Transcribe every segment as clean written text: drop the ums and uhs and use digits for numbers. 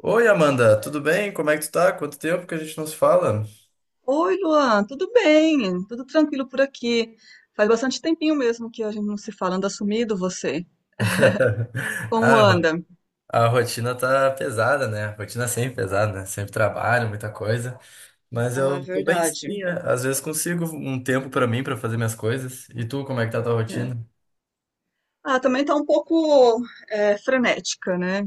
Oi, Amanda, tudo bem? Como é que tu tá? Quanto tempo que a gente não se fala? Oi, Luan, tudo bem? Tudo tranquilo por aqui. Faz bastante tempinho mesmo que a gente não se fala, anda sumido você. A, Como ro- anda? a rotina tá pesada, né? A rotina é sempre pesada, né? Sempre trabalho, muita coisa. Mas Ah, é eu tô bem verdade. sim, é. Às vezes consigo um tempo pra mim, pra fazer minhas coisas. E tu, como é que tá a tua É. rotina? Ah, também tá um pouco frenética, né?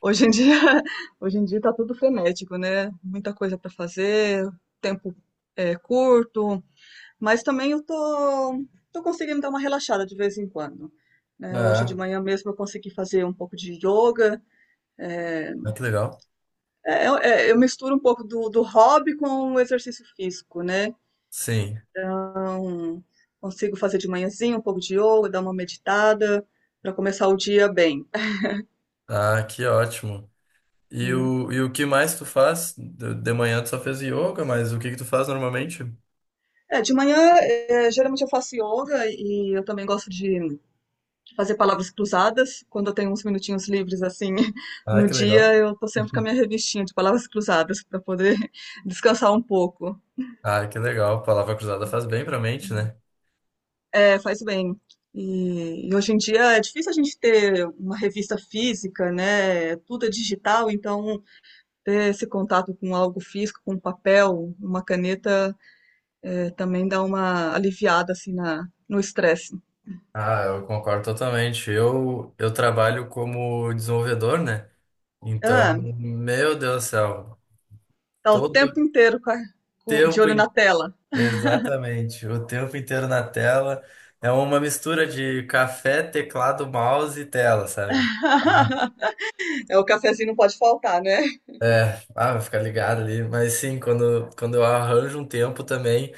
Hoje em dia, hoje em dia tá tudo frenético, né? Muita coisa para fazer, tempo curto, mas também eu tô conseguindo dar uma relaxada de vez em quando, né? Hoje de Ah, manhã mesmo eu consegui fazer um pouco de yoga. é, ah, que legal. eu misturo um pouco do hobby com o exercício físico, né? Sim. Então, consigo fazer de manhãzinha um pouco de yoga, dar uma meditada para começar o dia bem. Ah, que ótimo. E Hum. o, e o que mais tu faz? De manhã tu só fez yoga, mas o que que tu faz normalmente? De manhã, geralmente eu faço yoga e eu também gosto de fazer palavras cruzadas. Quando eu tenho uns minutinhos livres assim, Ah, no que legal. dia, eu tô sempre com a minha revistinha de palavras cruzadas para poder descansar um pouco. Ah, que legal. Palavra cruzada faz bem pra mente, né? É, faz bem. E hoje em dia é difícil a gente ter uma revista física, né? É. Tudo é digital, então ter esse contato com algo físico, com um papel, uma caneta, também dá uma aliviada assim na, no estresse. Ah, eu concordo totalmente. Eu trabalho como desenvolvedor, né? Então, Ah, meu Deus do céu, tá o todo tempo o inteiro com de tempo, olho in- na tela. exatamente, o tempo inteiro na tela é uma mistura de café, teclado, mouse e tela, sabe? Ah, É, o cafezinho não pode faltar, né? ah, vai ficar ligado ali. Mas sim, quando eu arranjo um tempo também.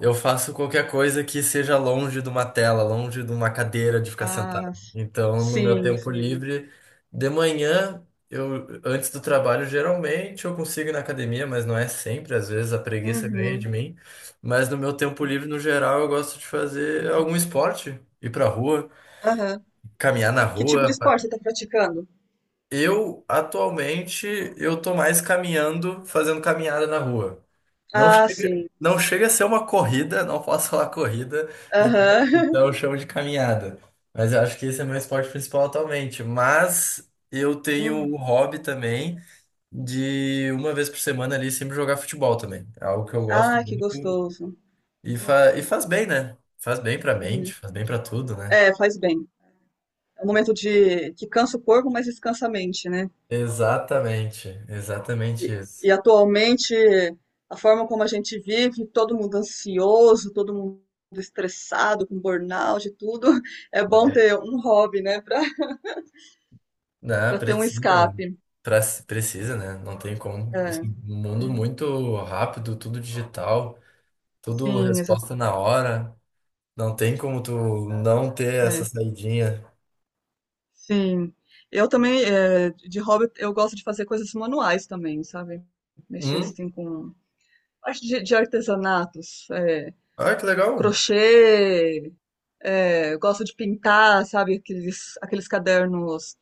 Eu faço qualquer coisa que seja longe de uma tela, longe de uma cadeira de ficar sentado. Ah, Então, no meu sim, tempo sim. livre, de manhã, eu antes do trabalho, geralmente eu consigo ir na academia, mas não é sempre, às vezes a preguiça ganha Uhum, de mim. Mas no meu tempo livre, no geral, eu gosto de fazer algum esporte, ir pra rua, aham. caminhar na Que tipo de rua. esporte você está praticando? Eu, atualmente, eu tô mais caminhando, fazendo caminhada na rua. Não Ah, sim. chega, não chega a ser uma corrida, não posso falar corrida, então, Aham. então eu chamo de caminhada. Mas eu acho que esse é meu esporte principal atualmente. Mas eu tenho o hobby também de uma vez por semana ali sempre jogar futebol também. É algo que eu gosto Ah, que muito gostoso. e faz bem, né? Faz bem pra mente, Uhum. faz bem pra tudo, né? É, faz bem. É um momento de que cansa o corpo, mas descansa a mente, né? Exatamente, exatamente E, isso. e atualmente, a forma como a gente vive, todo mundo ansioso, todo mundo estressado, com burnout e tudo, é bom ter um hobby, né, para Não, ter um precisa, né? escape. Pra- precisa, né? Não tem como. É. Esse mundo Uhum. muito rápido, tudo digital, tudo Sim, exa resposta na hora. Não tem como tu não ter essa é. saidinha. Sim. Eu também, de hobby, eu gosto de fazer coisas manuais também, sabe? Mexer Hum? assim com parte de artesanatos. É. Ah, que legal. Crochê, eu gosto de pintar, sabe, aqueles cadernos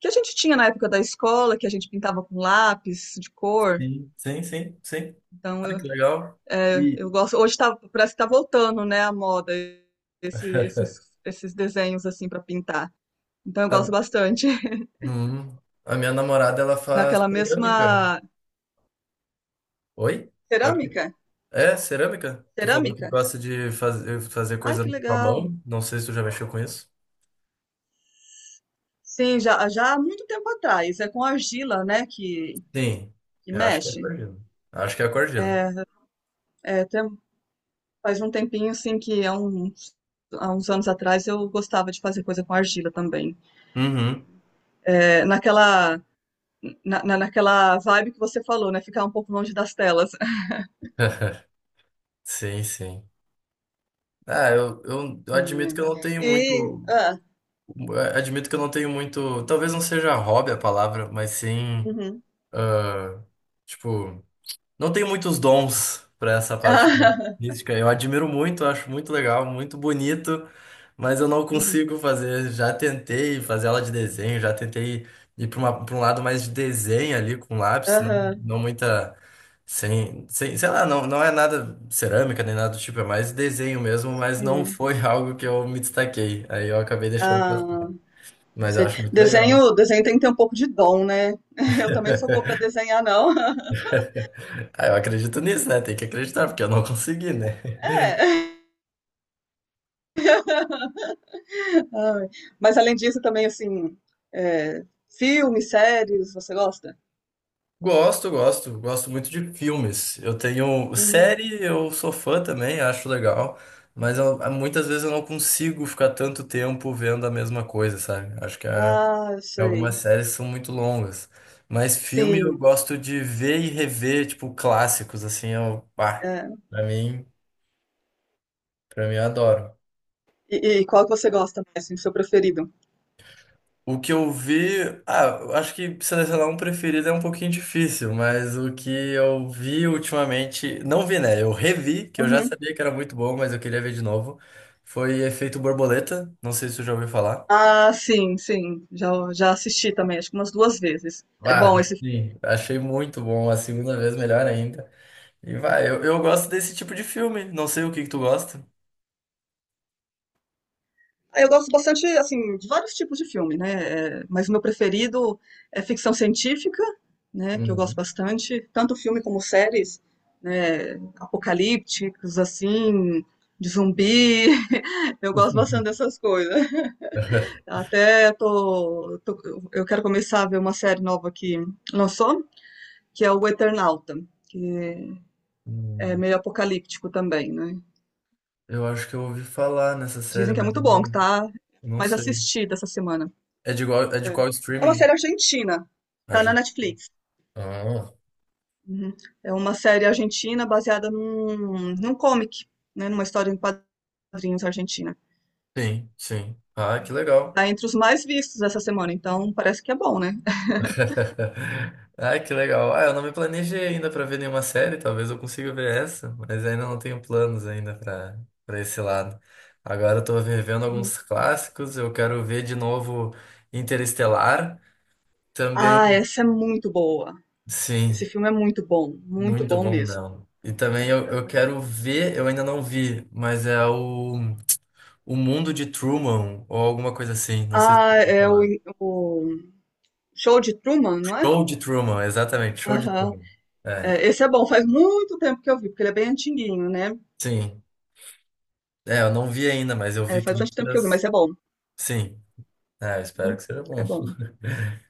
que a gente tinha na época da escola, que a gente pintava com lápis de cor. Sim, sim, sim, sim. Então Ah, eu, que legal. E eu gosto. Hoje tá, parece que tá voltando, né, a moda, esse, esses, esses desenhos assim para pintar. Então eu a, gosto bastante. hum, a minha namorada, ela faz Naquela cerâmica. mesma Oi? Pode... cerâmica, É, cerâmica? Tu falou que cerâmica. gosta de fazer Ai, coisa que com a legal. mão. Não sei se tu já mexeu com isso. Sim, já, já há muito tempo atrás. É com argila, né, que, Sim, que eu acho que é mexe. acordeon. Acho que é acordeon. É, faz um tempinho, assim, que há uns anos atrás eu gostava de fazer coisa com argila também. Uhum. É, naquela vibe que você falou, né? Ficar um pouco longe das telas. Sim, sim. Ah, eu admito que eu Sim, não tenho é. Muito. Ah, Admito que eu não tenho muito. Talvez não seja hobby a palavra, mas sim. uhum. ah, tipo. Não tem muitos dons para essa parte Ah, mística. Eu admiro muito, acho muito legal, muito bonito, mas eu não uhum. consigo fazer. Já tentei fazer aula de desenho, já tentei ir para para um lado mais de desenho ali com lápis, não, Aham, não muita. Sem, sem, sei lá, não, não é nada cerâmica nem nada do tipo, é mais desenho mesmo, mas não sim. foi algo que eu me destaquei. Aí eu acabei deixando passar. Ah, Mas eu sei. acho muito legal. Desenho tem que ter um pouco de dom, né? Eu também não sou boa para desenhar, não. Aí eu acredito nisso, né? Tem que acreditar, porque eu não consegui, né? É. Ai, mas além disso, também assim, é, filmes, séries, você gosta? Gosto, gosto, gosto muito de filmes. Eu tenho Uhum. série, eu sou fã também, acho legal, mas muitas vezes eu não consigo ficar tanto tempo vendo a mesma coisa, sabe? Ah, sei. Algumas séries são muito longas, mas filme eu Sim, gosto de ver e rever, tipo, clássicos, assim, eu, pá, é. pra mim, pra mim eu adoro. E qual que você gosta mais, assim, do seu preferido? O que eu vi, ah, eu acho que selecionar um preferido é um pouquinho difícil, mas o que eu vi ultimamente, não vi, né? Eu revi, que eu já Uhum. sabia que era muito bom, mas eu queria ver de novo. Foi Efeito Borboleta, não sei se você já ouviu falar. Ah, sim, sim. Já, já assisti também, acho que umas duas vezes. É bom Ah, esse filme. sim, achei muito bom, a segunda vez melhor ainda. E vai, eu gosto desse tipo de filme, não sei o que que tu gosta. Ah, eu gosto bastante, assim, de vários tipos de filme, né? É, mas o meu preferido é ficção científica, né? Que eu gosto Uhum. bastante. Tanto filme como séries, né? Apocalípticos, assim, de zumbi. Eu gosto bastante dessas coisas. Até tô, tô- eu quero começar a ver uma série nova que lançou, que é o Eternauta, que é Hum, meio apocalíptico também, né? eu acho que eu ouvi falar nessa série, Dizem que é mas eu muito bom, que não, tá não mais sei. assistida essa semana. É de É, qual é uma streaming? série argentina, tá na Argin? Netflix. Ah, Uhum. É uma série argentina baseada num, num comic, né? Numa história em quadrinhos argentina. sim, sim. Ah, que legal. Tá entre os mais vistos essa semana, então parece que é bom, né? Ai, que legal. Ah, eu não me planejei ainda para ver nenhuma série, talvez eu consiga ver essa, mas ainda não tenho planos ainda para esse lado. Agora eu tô revendo alguns clássicos, eu quero ver de novo Interestelar, Ah, também, essa é muito boa. Esse sim, filme é muito muito bom bom mesmo. não. E também eu quero ver, eu ainda não vi, mas é O Mundo de Truman ou alguma coisa assim, não sei se Ah, é o Show de Truman, não é? Show de Truman, exatamente, Show de Aham, Truman. É, é, esse é bom, faz muito tempo que eu vi, porque ele é bem antiguinho, né? sim. É, eu não vi ainda, mas eu É, vi faz bastante tempo que eu vi, críticas. mas é bom. Sim. É, eu espero que seja É bom. bom.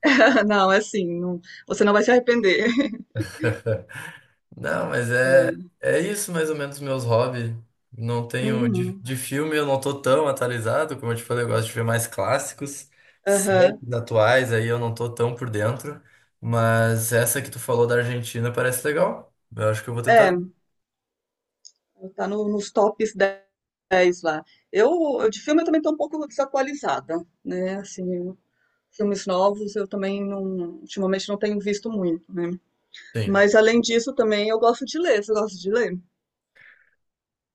Não, é assim, você não vai se arrepender. Não, mas é, É, é isso mais ou menos meus hobbies. Não tenho de, uhum, de filme, eu não tô tão atualizado, como eu te falei, eu gosto de ver mais clássicos, séries aham. atuais, aí eu não tô tão por dentro, mas essa que tu falou da Argentina parece legal. Eu acho que eu vou tentar É, ver. tá nos tops 10 lá. Eu, eu de filme eu também tô um pouco desatualizada, né? Assim, filmes novos eu também não, ultimamente não tenho visto muito, né? Sim. Mas além disso também eu gosto de ler. Você gosta de ler?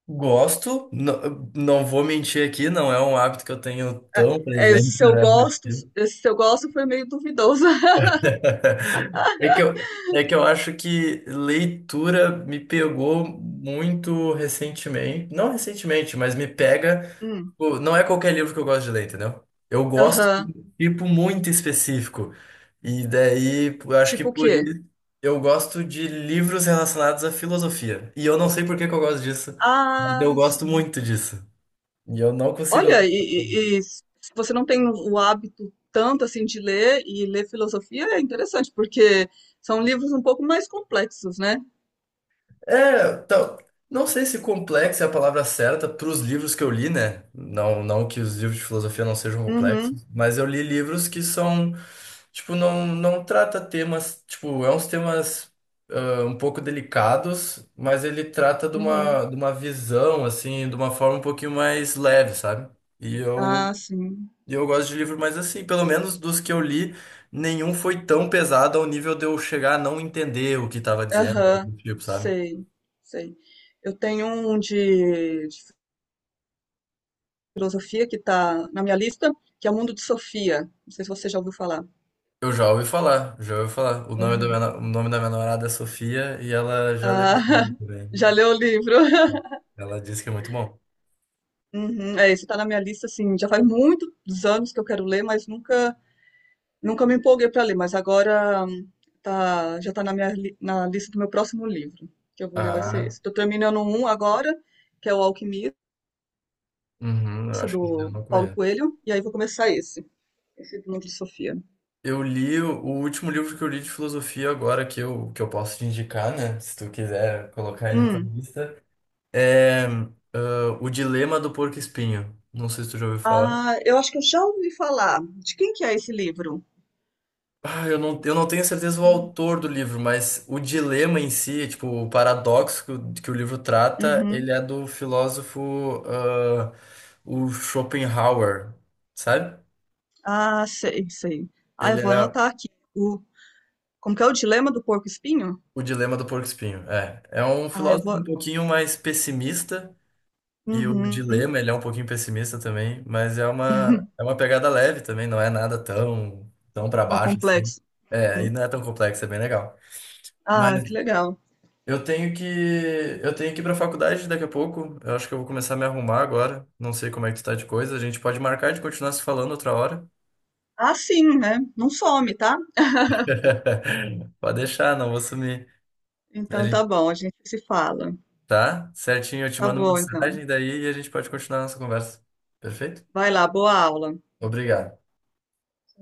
Gosto, não, não vou mentir aqui, não é um hábito que eu tenho tão É, presente na minha rotina. esse seu gosto foi meio duvidoso. É que eu acho que leitura me pegou muito recentemente. Não recentemente, mas me pega. Hum, Não é qualquer livro que eu gosto de ler, entendeu? Eu gosto aham. de um tipo muito específico. E daí, eu acho que Tipo o por quê? isso eu gosto de livros relacionados à filosofia. E eu não sei por que que eu gosto disso, mas Ah, eu gosto sim. muito disso. E eu não consigo ler. Olha, e se você não tem o hábito tanto assim de ler e ler filosofia é interessante, porque são livros um pouco mais complexos, né? É, então, não sei se complexo é a palavra certa para os livros que eu li, né? Não, não que os livros de filosofia não sejam Uhum, complexos, mas eu li livros que são, tipo, não, não trata temas, tipo, é uns temas um pouco delicados, mas ele trata de uhum. De uma visão, assim, de uma forma um pouquinho mais leve, sabe? E eu Ah, sim. Eu gosto de livro, mas assim, pelo menos dos que eu li, nenhum foi tão pesado ao nível de eu chegar a não entender o que estava dizendo, algo Aham, do tipo, sabe? sei, sei. Eu tenho um de filosofia que tá na minha lista, que é o Mundo de Sofia. Não sei se você já ouviu falar. Eu já ouvi falar, já ouvi falar. O nome da minha, Aham. no- O nome da minha namorada é Sofia e ela já leu Ah, esse livro também. já leu o livro? Ela disse que é muito bom. Uhum, é, esse tá na minha lista, assim, já faz muitos anos que eu quero ler, mas nunca me empolguei pra ler, mas agora tá, já tá na lista do meu próximo livro, que eu vou ler vai ser Ah, esse. Tô terminando um agora, que é O Alquimista, uhum, eu acho que esse eu do não Paulo conheço. Coelho, e aí vou começar esse, do Núcleo de Sofia. Eu li o último livro que eu li de filosofia agora, que eu posso te indicar, né? Se tu quiser colocar aí na tua Hum, lista, é O Dilema do Porco-Espinho. Não sei se tu já ouviu falar. ah, eu acho que eu já ouvi falar. De quem que é esse livro? Ah, eu não tenho certeza do Hum. autor do livro, mas o dilema em si, tipo, o paradoxo que o livro trata, Uhum. ele é do filósofo, ah, o Schopenhauer, sabe? Ah, sei, sei. Ah, Ele eu vou é anotar aqui. O, como que é o dilema do porco-espinho? o dilema do porco-espinho. É, é um Ah, eu filósofo um vou. pouquinho mais pessimista, e o Uhum. dilema, ele é um pouquinho pessimista também, mas é é uma pegada leve também, não é nada tão para Tão baixo assim. complexo. É, e Hum. não é tão complexo, é bem legal. mas Ah, que legal. Eu tenho que eu tenho que ir para a faculdade daqui a pouco. Eu acho que eu vou começar a me arrumar agora. Não sei como é que tu tá de coisa. A gente pode marcar de continuar se falando outra hora. Ah, sim, né? Não some, tá? Pode deixar, não vou sumir. A Então tá gente bom, a gente se fala. Tá certinho, eu te Tá mando bom, então. mensagem daí e a gente pode continuar a nossa conversa. Perfeito? Vai lá, boa aula. Obrigado.